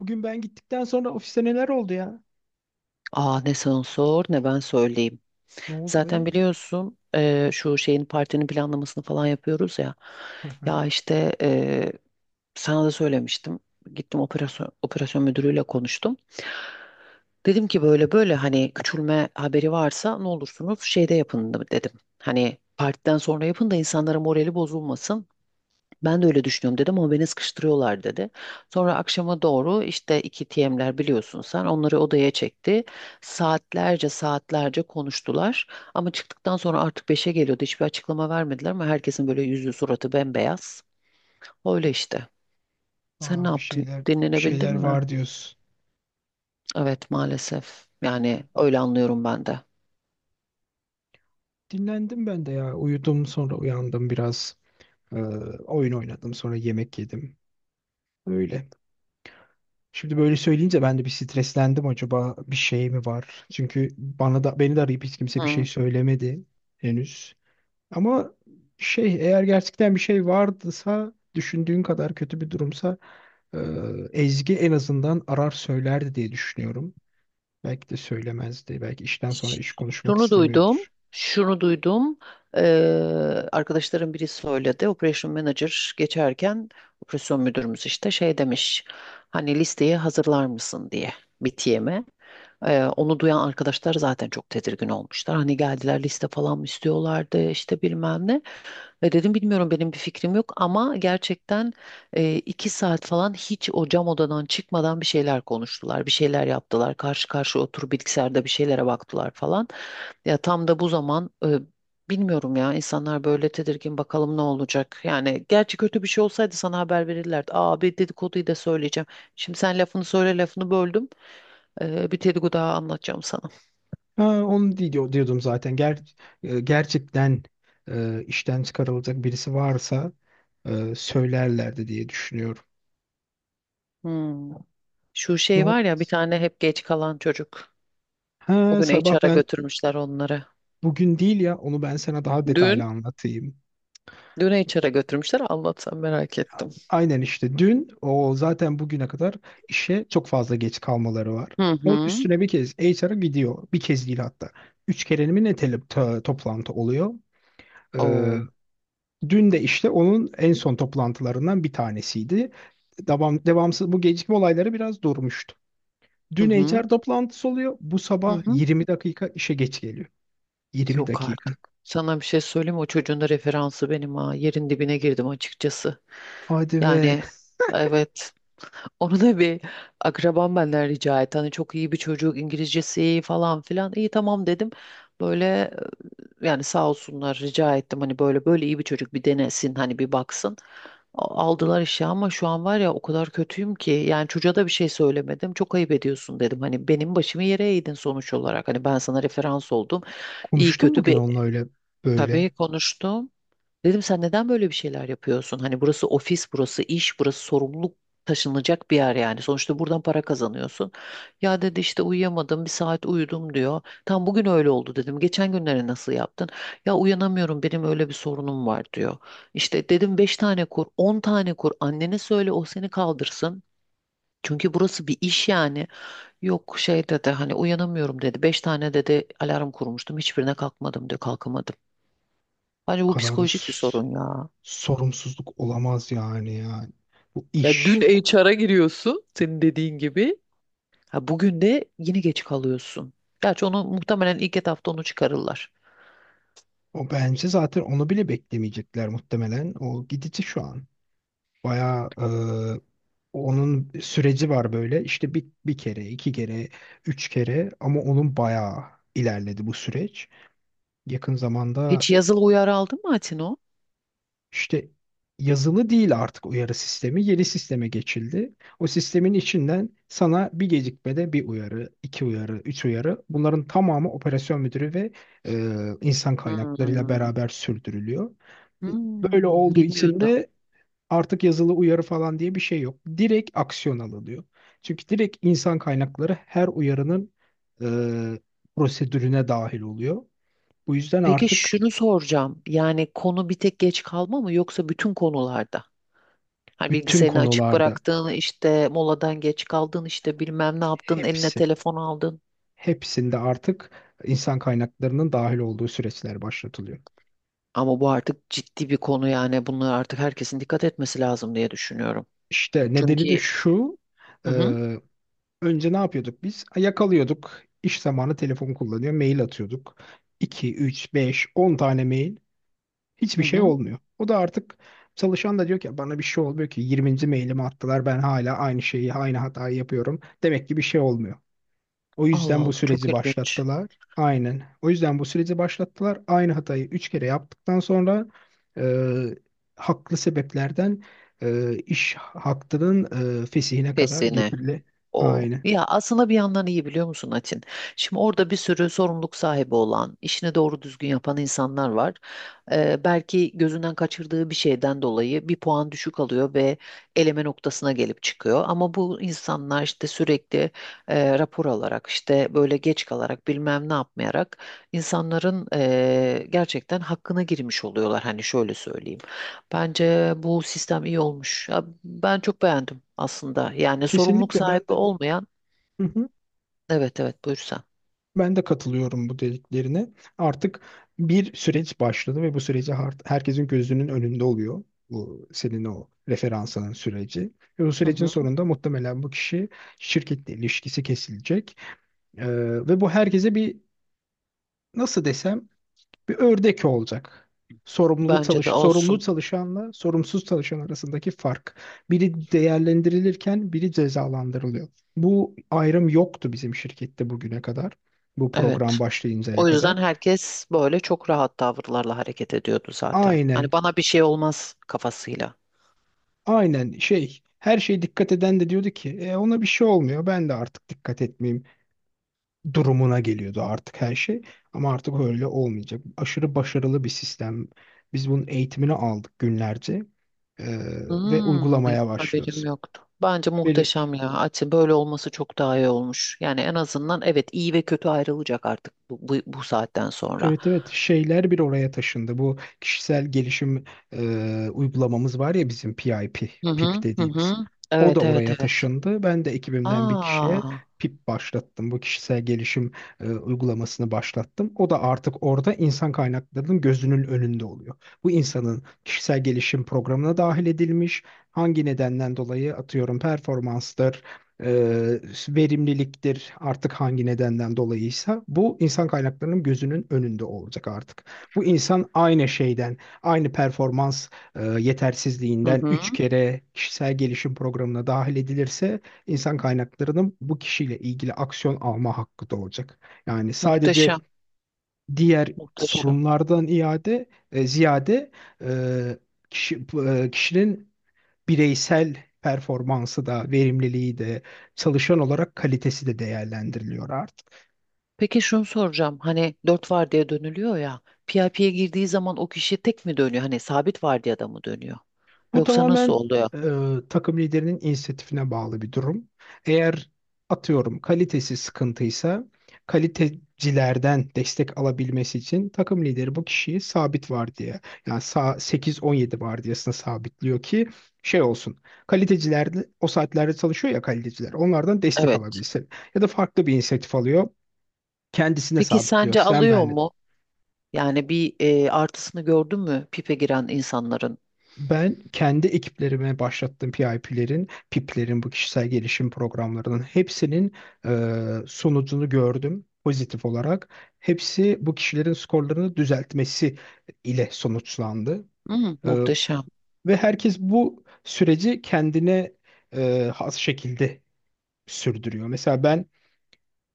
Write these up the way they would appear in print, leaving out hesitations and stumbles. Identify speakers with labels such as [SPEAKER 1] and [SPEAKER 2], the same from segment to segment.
[SPEAKER 1] Bugün ben gittikten sonra ofiste neler oldu ya?
[SPEAKER 2] Aa ne sen sor ne ben söyleyeyim.
[SPEAKER 1] Ne oldu
[SPEAKER 2] Zaten
[SPEAKER 1] be?
[SPEAKER 2] biliyorsun şu şeyin partinin planlamasını falan yapıyoruz ya.
[SPEAKER 1] Hı hı.
[SPEAKER 2] Ya işte sana da söylemiştim. Gittim operasyon müdürüyle konuştum. Dedim ki böyle böyle hani küçülme haberi varsa ne olursunuz şeyde yapın da- dedim. Hani partiden sonra yapın da insanların morali bozulmasın. Ben de öyle düşünüyorum dedim ama beni sıkıştırıyorlar dedi. Sonra akşama doğru işte iki TM'ler biliyorsun sen onları odaya çekti. Saatlerce saatlerce konuştular. Ama çıktıktan sonra artık 5'e geliyordu. Hiçbir açıklama vermediler ama herkesin böyle yüzü suratı bembeyaz. Öyle işte. Sen ne
[SPEAKER 1] Aa, bir
[SPEAKER 2] yaptın?
[SPEAKER 1] şeyler bir
[SPEAKER 2] Dinlenebildin
[SPEAKER 1] şeyler
[SPEAKER 2] mi?
[SPEAKER 1] var diyorsun.
[SPEAKER 2] Evet maalesef. Yani öyle anlıyorum ben de.
[SPEAKER 1] Dinlendim ben de ya. Uyudum sonra uyandım biraz. Ee, oyun oynadım sonra yemek yedim. Öyle. Şimdi böyle söyleyince ben de bir streslendim, acaba bir şey mi var? Çünkü bana da beni de arayıp hiç kimse bir şey
[SPEAKER 2] Hı.
[SPEAKER 1] söylemedi henüz. Ama şey, eğer gerçekten bir şey vardıysa, düşündüğün kadar kötü bir durumsa, ee, Ezgi en azından arar söylerdi diye düşünüyorum. Belki de söylemezdi. Belki işten sonra iş konuşmak
[SPEAKER 2] Şunu duydum,
[SPEAKER 1] istemiyordur.
[SPEAKER 2] şunu duydum. Arkadaşlarım biri söyledi. Operation Manager geçerken operasyon müdürümüz işte şey demiş. Hani listeyi hazırlar mısın diye BTM'e. Onu duyan arkadaşlar zaten çok tedirgin olmuşlar. Hani geldiler liste falan mı istiyorlardı işte bilmem ne. Ve dedim bilmiyorum benim bir fikrim yok ama gerçekten 2 saat falan hiç o cam odadan çıkmadan bir şeyler konuştular. Bir şeyler yaptılar. Karşı karşıya oturup bilgisayarda bir şeylere baktılar falan. Ya tam da bu zaman bilmiyorum ya insanlar böyle tedirgin bakalım ne olacak. Yani gerçi kötü bir şey olsaydı sana haber verirlerdi. Aa bir dedikoduyu da söyleyeceğim. Şimdi sen lafını söyle lafını böldüm. Bir dedikodu daha anlatacağım sana.
[SPEAKER 1] Ha, onu diyordum zaten. Gerçekten işten çıkarılacak birisi varsa söylerlerdi diye düşünüyorum.
[SPEAKER 2] Hmm. Şu
[SPEAKER 1] Ne
[SPEAKER 2] şey var
[SPEAKER 1] oldu?
[SPEAKER 2] ya bir tane hep geç kalan çocuk. O
[SPEAKER 1] Ha,
[SPEAKER 2] gün
[SPEAKER 1] sabah
[SPEAKER 2] HR'a
[SPEAKER 1] ben
[SPEAKER 2] götürmüşler onları.
[SPEAKER 1] bugün değil ya, onu ben sana daha detaylı
[SPEAKER 2] Dün,
[SPEAKER 1] anlatayım.
[SPEAKER 2] dün HR'a götürmüşler. Anlatsam merak ettim.
[SPEAKER 1] Aynen işte dün o zaten bugüne kadar işe çok fazla geç kalmaları var.
[SPEAKER 2] Hı
[SPEAKER 1] Onun
[SPEAKER 2] hı.
[SPEAKER 1] üstüne bir kez HR'a gidiyor. Bir kez değil hatta. Üç kere mi ne toplantı oluyor?
[SPEAKER 2] Oo.
[SPEAKER 1] Dün de işte onun en son toplantılarından bir tanesiydi. Devam, devamsız bu gecikme olayları biraz durmuştu.
[SPEAKER 2] Hı
[SPEAKER 1] Dün
[SPEAKER 2] hı.
[SPEAKER 1] HR toplantısı oluyor. Bu
[SPEAKER 2] Hı
[SPEAKER 1] sabah
[SPEAKER 2] hı.
[SPEAKER 1] 20 dakika işe geç geliyor. 20
[SPEAKER 2] Yok
[SPEAKER 1] dakika.
[SPEAKER 2] artık. Sana bir şey söyleyeyim mi? O çocuğun da referansı benim ha. Yerin dibine girdim açıkçası.
[SPEAKER 1] Hadi ve
[SPEAKER 2] Yani evet. Onu da bir akrabam benden rica etti. Hani çok iyi bir çocuk İngilizcesi iyi falan filan. İyi tamam dedim. Böyle yani sağ olsunlar rica ettim hani böyle böyle iyi bir çocuk bir denesin hani bir baksın. A- Aldılar işe ama şu an var ya o kadar kötüyüm ki yani çocuğa da bir şey söylemedim. Çok ayıp ediyorsun dedim. Hani benim başımı yere eğdin sonuç olarak. Hani ben sana referans oldum. İyi
[SPEAKER 1] konuştum
[SPEAKER 2] kötü
[SPEAKER 1] bugün
[SPEAKER 2] bir
[SPEAKER 1] onunla öyle böyle.
[SPEAKER 2] tabii konuştum. Dedim sen neden böyle bir şeyler yapıyorsun? Hani burası ofis, burası iş, burası sorumluluk taşınacak bir yer yani. Sonuçta buradan para kazanıyorsun. Ya dedi işte uyuyamadım, bir saat uyudum diyor. Tam bugün öyle oldu dedim. Geçen günleri nasıl yaptın? Ya uyanamıyorum, benim öyle bir sorunum var diyor. İşte dedim beş tane kur, 10 tane kur. Annene söyle o seni kaldırsın. Çünkü burası bir iş yani. Yok şey dedi hani uyanamıyorum dedi. Beş tane dedi alarm kurmuştum. Hiçbirine kalkmadım diyor kalkamadım. Bence
[SPEAKER 1] Bu
[SPEAKER 2] bu
[SPEAKER 1] kadar da
[SPEAKER 2] psikolojik bir sorun ya.
[SPEAKER 1] sorumsuzluk olamaz yani. Bu
[SPEAKER 2] Ya dün
[SPEAKER 1] iş.
[SPEAKER 2] HR'a giriyorsun senin dediğin gibi. Ha bugün de yine geç kalıyorsun. Gerçi onu muhtemelen ilk etapta onu çıkarırlar.
[SPEAKER 1] O bence zaten onu bile beklemeyecekler muhtemelen. O gidici şu an. Bayağı, e, onun süreci var böyle. İşte bir kere, iki kere, üç kere, ama onun bayağı ilerledi bu süreç. Yakın zamanda
[SPEAKER 2] Hiç yazılı uyarı aldın mı Atino?
[SPEAKER 1] işte yazılı değil artık uyarı sistemi, yeni sisteme geçildi. O sistemin içinden sana bir gecikmede bir uyarı, iki uyarı, üç uyarı. Bunların tamamı operasyon müdürü ve insan kaynaklarıyla
[SPEAKER 2] Hmm.
[SPEAKER 1] beraber sürdürülüyor. Böyle olduğu için
[SPEAKER 2] Bilmiyordum.
[SPEAKER 1] de artık yazılı uyarı falan diye bir şey yok. Direkt aksiyon alınıyor. Çünkü direkt insan kaynakları her uyarının e, prosedürüne dahil oluyor. Bu yüzden
[SPEAKER 2] Peki
[SPEAKER 1] artık
[SPEAKER 2] şunu soracağım. Yani konu bir tek geç kalma mı yoksa bütün konularda? Hani
[SPEAKER 1] bütün
[SPEAKER 2] bilgisayarını açık
[SPEAKER 1] konularda
[SPEAKER 2] bıraktığın, işte moladan geç kaldın, işte bilmem ne yaptın, eline
[SPEAKER 1] hepsi,
[SPEAKER 2] telefon aldın.
[SPEAKER 1] hepsinde artık insan kaynaklarının dahil olduğu süreçler başlatılıyor.
[SPEAKER 2] Ama bu artık ciddi bir konu yani. Bunlara artık herkesin dikkat etmesi lazım diye düşünüyorum.
[SPEAKER 1] İşte nedeni
[SPEAKER 2] Çünkü.
[SPEAKER 1] de şu: e,
[SPEAKER 2] Hı hı,
[SPEAKER 1] önce ne yapıyorduk biz? Yakalıyorduk, İş zamanı telefon kullanıyor, mail atıyorduk. iki, 3, 5, 10 tane mail.
[SPEAKER 2] hı
[SPEAKER 1] Hiçbir şey
[SPEAKER 2] hı.
[SPEAKER 1] olmuyor. O da artık, çalışan da diyor ki bana bir şey olmuyor ki, 20. mailimi attılar, ben hala aynı şeyi, aynı hatayı yapıyorum. Demek ki bir şey olmuyor. O
[SPEAKER 2] Allah
[SPEAKER 1] yüzden bu
[SPEAKER 2] Allah çok
[SPEAKER 1] süreci
[SPEAKER 2] ilginç.
[SPEAKER 1] başlattılar. Aynen. O yüzden bu süreci başlattılar. Aynı hatayı 3 kere yaptıktan sonra e, haklı sebeplerden iş hakkının fesihine kadar
[SPEAKER 2] Pesine.
[SPEAKER 1] getirildi.
[SPEAKER 2] O
[SPEAKER 1] Aynen.
[SPEAKER 2] ya aslında bir yandan iyi biliyor musun Atin? Şimdi orada bir sürü sorumluluk sahibi olan, işini doğru düzgün yapan insanlar var. Belki gözünden kaçırdığı bir şeyden dolayı bir puan düşük alıyor ve eleme noktasına gelip çıkıyor. Ama bu insanlar işte sürekli rapor alarak işte böyle geç kalarak bilmem ne yapmayarak insanların gerçekten hakkına girmiş oluyorlar. Hani şöyle söyleyeyim. Bence bu sistem iyi olmuş. Ya ben çok beğendim aslında. Yani sorumluluk
[SPEAKER 1] Kesinlikle ben
[SPEAKER 2] sahibi
[SPEAKER 1] de.
[SPEAKER 2] olmayan, evet evet buyur sen.
[SPEAKER 1] Ben de katılıyorum bu dediklerine. Artık bir süreç başladı ve bu süreci herkesin gözünün önünde oluyor. Bu senin o referansının süreci. Ve bu
[SPEAKER 2] Hı
[SPEAKER 1] sürecin
[SPEAKER 2] hı.
[SPEAKER 1] sonunda muhtemelen bu kişi şirketle ilişkisi kesilecek. Ee, ve bu herkese bir, nasıl desem, bir ördek olacak. Sorumlulu
[SPEAKER 2] Bence de
[SPEAKER 1] çalış, sorumlu
[SPEAKER 2] olsun.
[SPEAKER 1] çalışanla sorumsuz çalışan arasındaki fark. Biri değerlendirilirken biri cezalandırılıyor. Bu ayrım yoktu bizim şirkette bugüne kadar. Bu program
[SPEAKER 2] Evet.
[SPEAKER 1] başlayıncaya
[SPEAKER 2] O
[SPEAKER 1] kadar.
[SPEAKER 2] yüzden herkes böyle çok rahat tavırlarla hareket ediyordu zaten.
[SPEAKER 1] Aynen,
[SPEAKER 2] Hani bana bir şey olmaz kafasıyla.
[SPEAKER 1] aynen şey, her şeye dikkat eden de diyordu ki, "E, ona bir şey olmuyor. Ben de artık dikkat etmeyeyim." durumuna geliyordu artık her şey. Ama artık öyle olmayacak. Aşırı başarılı bir sistem. Biz bunun eğitimini aldık günlerce. Ee, ve
[SPEAKER 2] Hmm,
[SPEAKER 1] uygulamaya başlıyoruz.
[SPEAKER 2] haberim yoktu. Bence
[SPEAKER 1] Benim
[SPEAKER 2] muhteşem ya. Açı böyle olması çok daha iyi olmuş. Yani en azından evet iyi ve kötü ayrılacak artık bu saatten sonra.
[SPEAKER 1] Evet, evet, şeyler bir oraya taşındı. Bu kişisel gelişim uygulamamız var ya bizim, PIP,
[SPEAKER 2] Hı
[SPEAKER 1] PIP
[SPEAKER 2] hı hı
[SPEAKER 1] dediğimiz.
[SPEAKER 2] hı.
[SPEAKER 1] O da
[SPEAKER 2] Evet evet
[SPEAKER 1] oraya
[SPEAKER 2] evet.
[SPEAKER 1] taşındı. Ben de ekibimden bir kişiye
[SPEAKER 2] Aa.
[SPEAKER 1] PIP başlattım. Bu kişisel gelişim uygulamasını başlattım. O da artık orada insan kaynaklarının gözünün önünde oluyor. Bu insanın kişisel gelişim programına dahil edilmiş. Hangi nedenden dolayı, atıyorum, performanstır, e, verimliliktir, artık hangi nedenden dolayıysa bu insan kaynaklarının gözünün önünde olacak artık. Bu insan aynı şeyden, aynı performans
[SPEAKER 2] Hı
[SPEAKER 1] yetersizliğinden
[SPEAKER 2] hı.
[SPEAKER 1] 3 kere kişisel gelişim programına dahil edilirse insan kaynaklarının bu kişiyle ilgili aksiyon alma hakkı da olacak. Yani sadece
[SPEAKER 2] Muhteşem,
[SPEAKER 1] diğer
[SPEAKER 2] muhteşem.
[SPEAKER 1] sorunlardan ziyade, e, kişinin bireysel performansı da, verimliliği de, çalışan olarak kalitesi de değerlendiriliyor artık.
[SPEAKER 2] Peki şunu soracağım. Hani dört vardiya dönülüyor ya. PIP'ye girdiği zaman o kişi tek mi dönüyor? Hani sabit vardiyada mı dönüyor?
[SPEAKER 1] Bu
[SPEAKER 2] Yoksa nasıl
[SPEAKER 1] tamamen
[SPEAKER 2] oluyor?
[SPEAKER 1] e, takım liderinin inisiyatifine bağlı bir durum. Eğer, atıyorum, kalitesi sıkıntıysa, kalitecilerden destek alabilmesi için takım lideri bu kişiyi sabit vardiya, yani 8-17 vardiyasına sabitliyor ki şey olsun. Kaliteciler de o saatlerde çalışıyor ya, kaliteciler onlardan destek
[SPEAKER 2] Evet.
[SPEAKER 1] alabilsin. Ya da farklı bir inisiyatif alıyor, kendisine
[SPEAKER 2] Peki
[SPEAKER 1] sabitliyor.
[SPEAKER 2] sence
[SPEAKER 1] Sen
[SPEAKER 2] alıyor
[SPEAKER 1] ben
[SPEAKER 2] mu? Yani bir artısını gördün mü pipe giren insanların?
[SPEAKER 1] Ben kendi ekiplerime başlattığım PIP'lerin bu kişisel gelişim programlarının hepsinin sonucunu gördüm pozitif olarak. Hepsi bu kişilerin skorlarını düzeltmesi ile sonuçlandı. E,
[SPEAKER 2] Muhteşem.
[SPEAKER 1] ve herkes bu süreci kendine has şekilde sürdürüyor. Mesela ben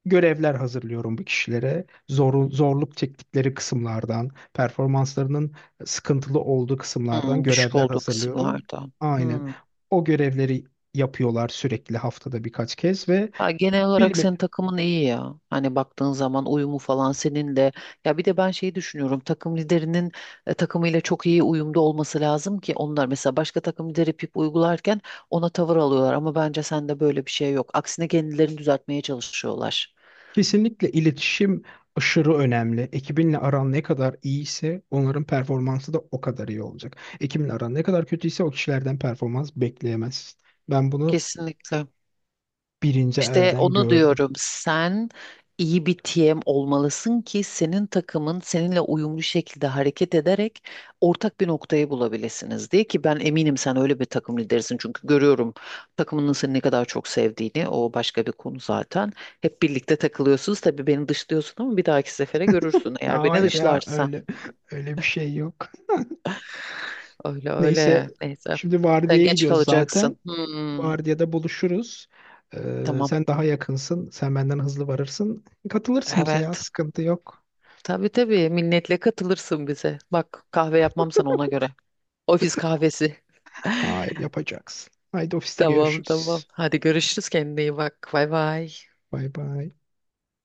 [SPEAKER 1] görevler hazırlıyorum bu kişilere. Zorluk çektikleri kısımlardan, performanslarının sıkıntılı olduğu kısımlardan
[SPEAKER 2] Düşük
[SPEAKER 1] görevler
[SPEAKER 2] olduğu
[SPEAKER 1] hazırlıyorum.
[SPEAKER 2] kısımlarda.
[SPEAKER 1] Aynen.
[SPEAKER 2] Hmm.
[SPEAKER 1] O görevleri yapıyorlar sürekli, haftada birkaç kez ve
[SPEAKER 2] Ha, genel olarak
[SPEAKER 1] bilme,
[SPEAKER 2] senin takımın iyi ya. Hani baktığın zaman uyumu falan seninle. Ya bir de ben şeyi düşünüyorum. Takım liderinin takımıyla çok iyi uyumda olması lazım ki onlar mesela başka takım lideri pip uygularken ona tavır alıyorlar. Ama bence sende böyle bir şey yok. Aksine kendilerini düzeltmeye çalışıyorlar.
[SPEAKER 1] kesinlikle iletişim aşırı önemli. Ekibinle aran ne kadar iyiyse onların performansı da o kadar iyi olacak. Ekibinle aran ne kadar kötüyse o kişilerden performans bekleyemezsin. Ben bunu
[SPEAKER 2] Kesinlikle.
[SPEAKER 1] birinci
[SPEAKER 2] İşte
[SPEAKER 1] elden
[SPEAKER 2] onu
[SPEAKER 1] gördüm.
[SPEAKER 2] diyorum. Sen iyi bir TM olmalısın ki senin takımın seninle uyumlu şekilde hareket ederek ortak bir noktayı bulabilirsiniz diye ki ben eminim sen öyle bir takım liderisin çünkü görüyorum takımının seni ne kadar çok sevdiğini o başka bir konu zaten. Hep birlikte takılıyorsunuz tabii beni dışlıyorsun ama bir dahaki sefere görürsün eğer beni
[SPEAKER 1] Hayır ya,
[SPEAKER 2] dışlarsan.
[SPEAKER 1] öyle bir şey yok.
[SPEAKER 2] Öyle
[SPEAKER 1] Neyse,
[SPEAKER 2] öyle neyse.
[SPEAKER 1] şimdi
[SPEAKER 2] Sen
[SPEAKER 1] vardiyaya
[SPEAKER 2] geç
[SPEAKER 1] gidiyoruz zaten.
[SPEAKER 2] kalacaksın.
[SPEAKER 1] Vardiyada buluşuruz.
[SPEAKER 2] Tamam.
[SPEAKER 1] Sen daha yakınsın. Sen benden hızlı varırsın. Katılırsın bize ya,
[SPEAKER 2] Evet.
[SPEAKER 1] sıkıntı yok.
[SPEAKER 2] Tabii tabii minnetle katılırsın bize. Bak kahve yapmam sana ona göre. Ofis kahvesi.
[SPEAKER 1] Hayır, yapacaksın. Haydi, ofiste
[SPEAKER 2] Tamam
[SPEAKER 1] görüşürüz.
[SPEAKER 2] tamam. Hadi görüşürüz kendine iyi bak. Bay bay.
[SPEAKER 1] Bay bay.